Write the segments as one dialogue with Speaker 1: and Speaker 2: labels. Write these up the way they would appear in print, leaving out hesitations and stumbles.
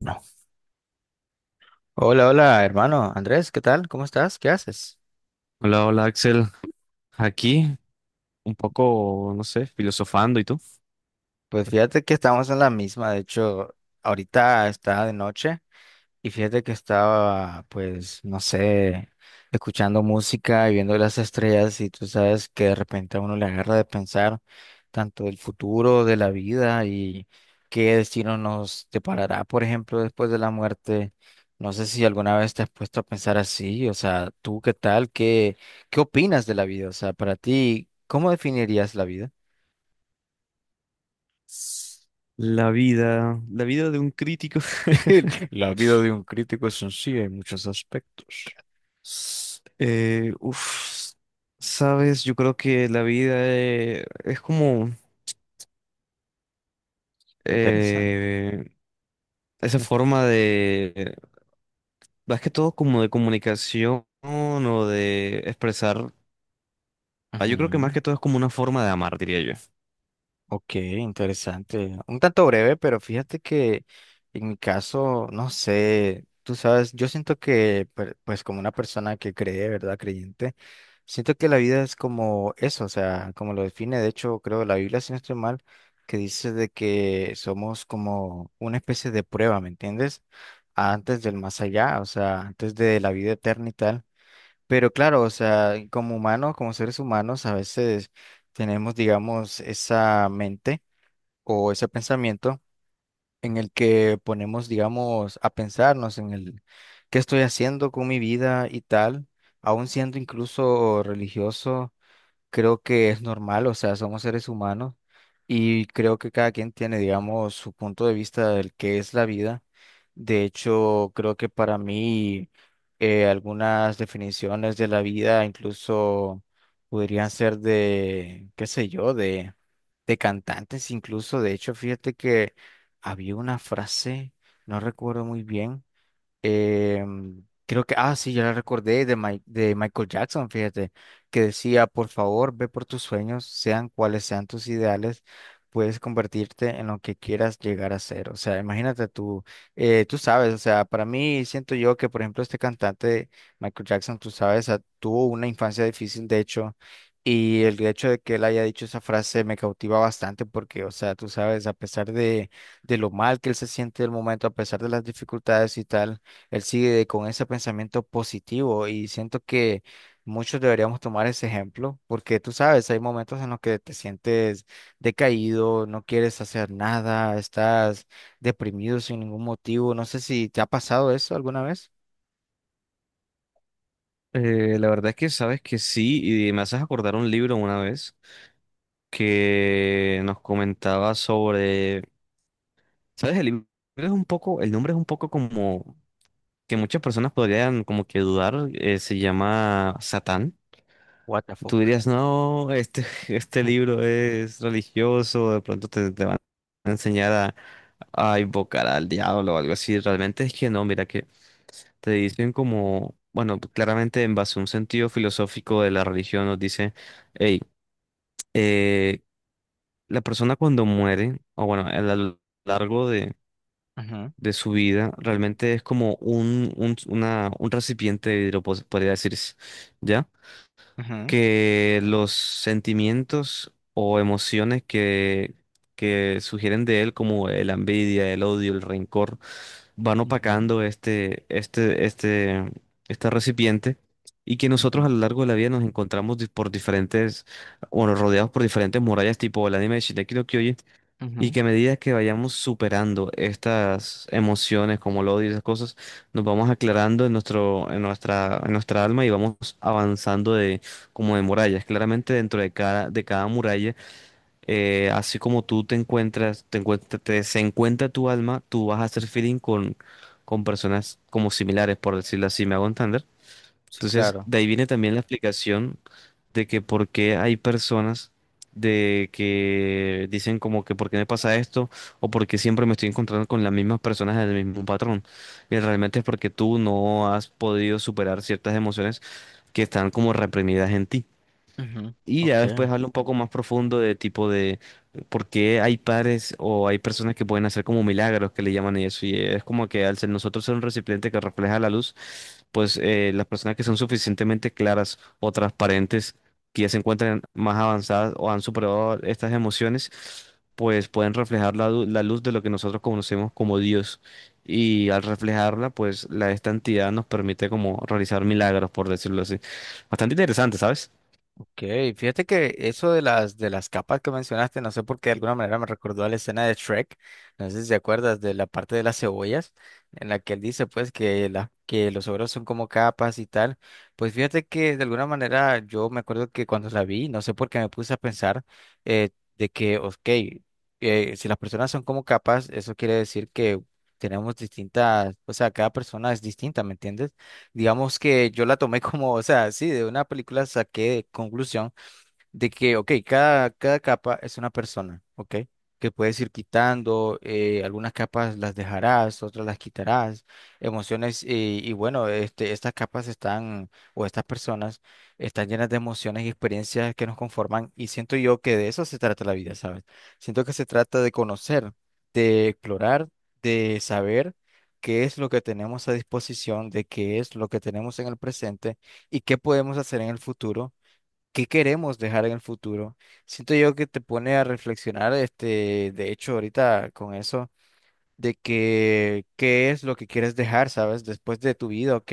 Speaker 1: No. Hola, hola, hermano Andrés, ¿qué tal? ¿Cómo estás? ¿Qué haces?
Speaker 2: Hola, hola Axel, aquí un poco, no sé, filosofando, ¿y tú?
Speaker 1: Pues fíjate que estamos en la misma, de hecho, ahorita está de noche. Y fíjate que estaba, pues, no sé, escuchando música y viendo las estrellas y tú sabes que de repente a uno le agarra de pensar tanto del futuro, de la vida y qué destino nos deparará, por ejemplo, después de la muerte. No sé si alguna vez te has puesto a pensar así, o sea, ¿tú qué tal? ¿Qué opinas de la vida? O sea, para ti, ¿cómo definirías la vida?
Speaker 2: La vida de un crítico.
Speaker 1: La vida de un crítico es sencilla en muchos aspectos.
Speaker 2: Eh, uf, sabes, yo creo que la vida es como
Speaker 1: Interesante.
Speaker 2: eh, esa forma de, más que todo como de comunicación o de expresar, yo creo que más
Speaker 1: Ujú.
Speaker 2: que todo es como una forma de amar, diría yo.
Speaker 1: Ok, interesante. Un tanto breve, pero fíjate que en mi caso, no sé, tú sabes, yo siento que, pues como una persona que cree, ¿verdad? Creyente, siento que la vida es como eso, o sea, como lo define, de hecho, creo la Biblia, si no estoy mal, que dice de que somos como una especie de prueba, ¿me entiendes? Antes del más allá, o sea, antes de la vida eterna y tal. Pero claro, o sea, como humanos, como seres humanos, a veces tenemos, digamos, esa mente o ese pensamiento en el que ponemos, digamos, a pensarnos en el qué estoy haciendo con mi vida y tal, aun siendo incluso religioso creo que es normal, o sea, somos seres humanos y creo que cada quien tiene, digamos, su punto de vista del que es la vida. De hecho, creo que para mí algunas definiciones de la vida incluso podrían ser de, qué sé yo, de cantantes incluso. De hecho, fíjate que había una frase, no recuerdo muy bien. Creo que, ah, sí, ya la recordé de, de Michael Jackson, fíjate, que decía, por favor, ve por tus sueños, sean cuales sean tus ideales, puedes convertirte en lo que quieras llegar a ser. O sea, imagínate tú, tú sabes, o sea, para mí siento yo que, por ejemplo, este cantante, Michael Jackson, tú sabes, ah, tuvo una infancia difícil, de hecho. Y el hecho de que él haya dicho esa frase me cautiva bastante porque, o sea, tú sabes, a pesar de lo mal que él se siente en el momento, a pesar de las dificultades y tal, él sigue con ese pensamiento positivo y siento que muchos deberíamos tomar ese ejemplo porque tú sabes, hay momentos en los que te sientes decaído, no quieres hacer nada, estás deprimido sin ningún motivo. No sé si te ha pasado eso alguna vez.
Speaker 2: La verdad es que sabes que sí, y me haces acordar un libro una vez, que nos comentaba sobre, ¿sabes? El libro es un poco, el nombre es un poco como que muchas personas podrían como que dudar, se llama Satán.
Speaker 1: What the
Speaker 2: Tú
Speaker 1: fuck.
Speaker 2: dirías, no, este, este libro es religioso, de pronto te van a enseñar a invocar al diablo o algo así. Realmente es que no, mira que te dicen como, bueno, claramente en base a un sentido filosófico de la religión nos dice, hey, eh, la persona cuando muere, o bueno, a lo largo
Speaker 1: Ujú,
Speaker 2: de su vida, realmente es como un recipiente de vidrio, pos- podría decirse, ¿ya?
Speaker 1: ujú,
Speaker 2: Que los sentimientos o emociones que sugieren de él, como la envidia, el odio, el rencor, van
Speaker 1: ujú,
Speaker 2: opacando este, este recipiente. Y que
Speaker 1: ujú,
Speaker 2: nosotros a lo largo de la vida nos encontramos di- por diferentes, bueno, rodeados por diferentes murallas, tipo el anime de Shingeki no Kyojin, y
Speaker 1: ujú.
Speaker 2: que a medida que vayamos superando estas emociones como el odio y esas cosas, nos vamos aclarando en nuestra alma y vamos avanzando de, como de murallas. Claramente dentro de cada muralla, así como tú te encuentras, te encuentra- te- se encuentra tu alma, tú vas a hacer feeling con personas como similares, por decirlo así, ¿me hago entender?
Speaker 1: Sí,
Speaker 2: Entonces,
Speaker 1: claro.
Speaker 2: de ahí viene también la explicación de que por qué hay personas de que dicen como que por qué me pasa esto o por qué siempre me estoy encontrando con las mismas personas del mismo patrón. Y realmente es porque tú no has podido superar ciertas emociones que están como reprimidas en ti.
Speaker 1: Ujú,
Speaker 2: Y ya
Speaker 1: Ok.
Speaker 2: después habla un poco más profundo de tipo de por qué hay padres o hay personas que pueden hacer como milagros que le llaman y eso. Y es como que al ser nosotros ser un recipiente que refleja la luz, pues las personas que son suficientemente claras o transparentes, que ya se encuentran más avanzadas o han superado estas emociones, pues pueden reflejar la, du- la luz de lo que nosotros conocemos como Dios. Y al reflejarla, pues la esta entidad nos permite como realizar milagros, por decirlo así. Bastante interesante, ¿sabes?
Speaker 1: Ok, fíjate que eso de las capas que mencionaste, no sé por qué de alguna manera me recordó a la escena de Shrek, no sé si te acuerdas de la parte de las cebollas, en la que él dice pues que que los ogros son como capas y tal. Pues fíjate que de alguna manera yo me acuerdo que cuando la vi, no sé por qué me puse a pensar eh, de que, ok, si las personas son como capas, eso quiere decir que tenemos distintas, o sea, cada persona es distinta, ¿me entiendes? Digamos que yo la tomé como, o sea, sí, de una película saqué conclusión de que, ok, cada capa es una persona, ok, que puedes ir quitando, algunas capas las dejarás, otras las quitarás, emociones, y bueno, este, estas capas están, o estas personas, están llenas de emociones y experiencias que nos conforman, y siento yo que de eso se trata la vida, ¿sabes? Siento que se trata de conocer, de explorar, de saber qué es lo que tenemos a disposición, de qué es lo que tenemos en el presente y qué podemos hacer en el futuro, qué queremos dejar en el futuro. Siento yo que te pone a reflexionar, este, de hecho, ahorita con eso, de que qué es lo que quieres dejar, ¿sabes? Después de tu vida, ¿ok?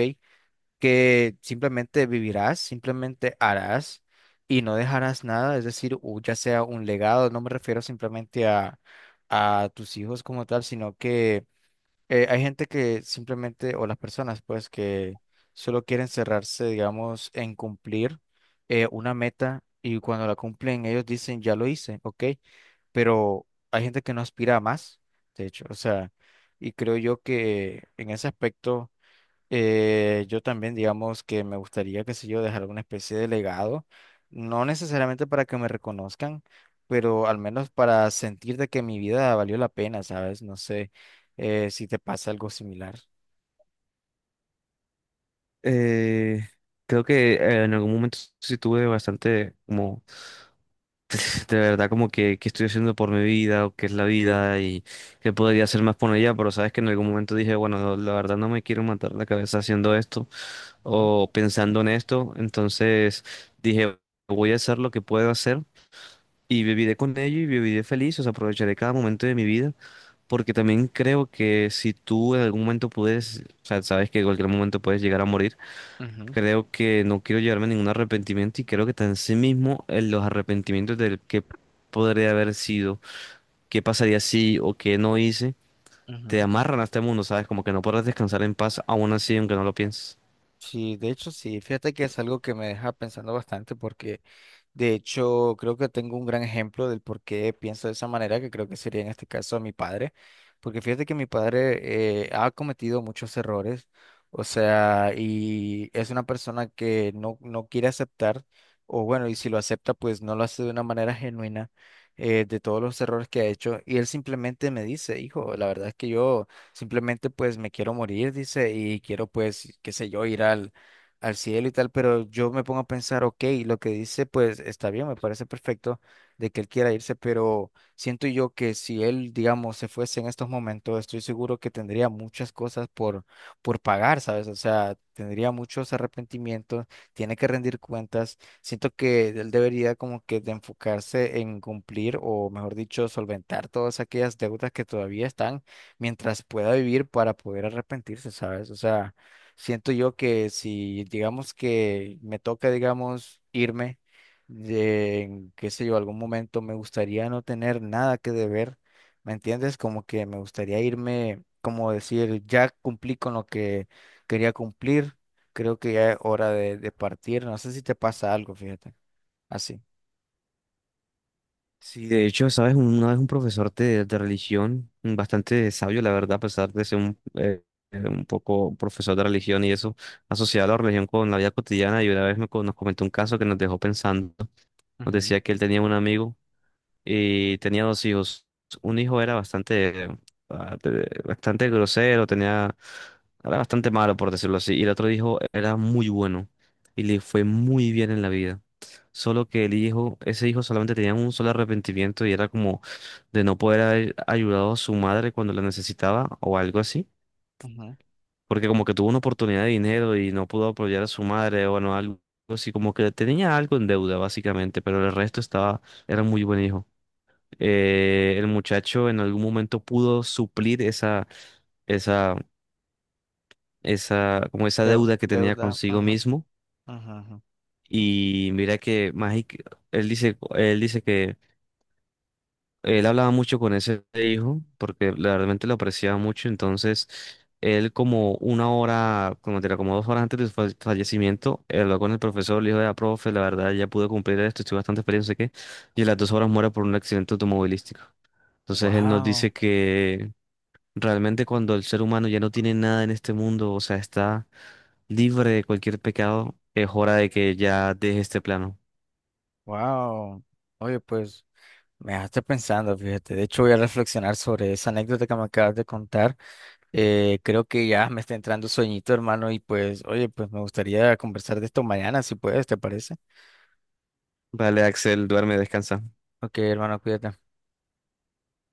Speaker 1: Que simplemente vivirás, simplemente harás y no dejarás nada, es decir, ya sea un legado, no me refiero simplemente a tus hijos como tal, sino que hay gente que simplemente, o las personas, pues, que solo quieren cerrarse, digamos, en cumplir una meta y cuando la cumplen ellos dicen, ya lo hice, ok, pero hay gente que no aspira a más, de hecho, o sea, y creo yo que en ese aspecto yo también, digamos que me gustaría, qué sé yo, dejar alguna especie de legado, no necesariamente para que me reconozcan, pero al menos para sentir de que mi vida valió la pena, ¿sabes? No sé si te pasa algo similar.
Speaker 2: Eh, creo que en algún momento sí tuve bastante como, de verdad, como que, qué estoy haciendo por mi vida o qué es la vida y qué podría hacer más por ella, pero sabes que en algún momento dije, bueno, la verdad no me quiero matar la cabeza haciendo esto
Speaker 1: Ujú,
Speaker 2: o pensando en esto, entonces dije, voy a hacer lo que puedo hacer y viviré con ello y viviré feliz, o sea, aprovecharé cada momento de mi vida, porque también creo que si tú en algún momento puedes, o sea, sabes que en cualquier momento puedes llegar a morir.
Speaker 1: ujú,
Speaker 2: Creo que no quiero llevarme ningún arrepentimiento y creo que tan en sí mismo en los arrepentimientos del que podría haber sido, qué pasaría si o qué no hice, te
Speaker 1: ujú.
Speaker 2: amarran a este mundo, ¿sabes? Como que no podrás descansar en paz aún así, aunque no lo pienses.
Speaker 1: Sí, de hecho sí, fíjate que es algo que me deja pensando bastante porque de hecho, creo que tengo un gran ejemplo del por qué pienso de esa manera, que creo que sería en este caso a mi padre, porque fíjate que mi padre ha cometido muchos errores, o sea, y es una persona que no quiere aceptar, o bueno, y si lo acepta, pues no lo hace de una manera genuina de todos los errores que ha hecho, y él simplemente me dice, hijo, la verdad es que yo simplemente pues me quiero morir, dice, y quiero pues, qué sé yo, ir al al cielo y tal, pero yo me pongo a pensar, ok, lo que dice, pues está bien, me parece perfecto de que él quiera irse, pero siento yo que si él, digamos, se fuese en estos momentos, estoy seguro que tendría muchas cosas por pagar, ¿sabes? O sea, tendría muchos arrepentimientos, tiene que rendir cuentas. Siento que él debería como que de enfocarse en cumplir o, mejor dicho, solventar todas aquellas deudas que todavía están mientras pueda vivir para poder arrepentirse, ¿sabes? O sea... Siento yo que si, digamos que me toca, digamos, irme, en, qué sé yo, algún momento me gustaría no tener nada que deber, ¿me entiendes? Como que me gustaría irme, como decir, ya cumplí con lo que quería cumplir, creo que ya es hora de partir, no sé si te pasa algo, fíjate, así.
Speaker 2: Sí, de hecho, ¿sabes? Una vez un profesor de religión, bastante sabio, la verdad, a pesar de ser un poco profesor de religión y eso, asociaba la religión con la vida cotidiana y una vez me, co- nos comentó un caso que nos dejó pensando. Nos
Speaker 1: Ujú,
Speaker 2: decía que él tenía un amigo y tenía dos hijos. Un hijo era bastante, ah, te- bastante grosero, tenía, era bastante malo, por decirlo así, y el otro hijo era muy bueno y le fue muy bien en la vida. Solo que el hijo, ese hijo solamente tenía un solo arrepentimiento y era como de no poder haber ayudado a su madre cuando la necesitaba o algo así.
Speaker 1: ujú.
Speaker 2: Porque como que tuvo una oportunidad de dinero y no pudo apoyar a su madre o bueno, algo así, como que tenía algo en deuda básicamente, pero el resto estaba, era muy buen hijo. El muchacho en algún momento pudo suplir esa, esa, como esa deuda que tenía
Speaker 1: Deuda,
Speaker 2: consigo
Speaker 1: ajá,
Speaker 2: mismo.
Speaker 1: ajá, ajá.
Speaker 2: Y mira que Magic, él dice que él hablaba mucho con ese hijo porque la- realmente lo apreciaba mucho. Entonces, él como una hora, como, mentira, como dos horas antes de su fa- fallecimiento, habló con el profesor, le dijo, ya, profe, la verdad ya pude cumplir esto, estoy bastante feliz, no sé qué. Y a las dos horas muere por un accidente automovilístico. Entonces él nos dice
Speaker 1: Wow,
Speaker 2: que realmente cuando el ser humano ya no tiene nada en este mundo, o sea, está libre de cualquier pecado, es hora de que ya deje este plano.
Speaker 1: wow. Oye, pues... Me dejaste pensando, fíjate. De hecho, voy a reflexionar sobre esa anécdota que me acabas de contar. Creo que ya me está entrando sueñito, hermano, y pues, oye, pues me gustaría conversar de esto mañana, si puedes, ¿te parece?
Speaker 2: Vale, Axel, duerme, descansa.
Speaker 1: Ok, hermano, cuídate.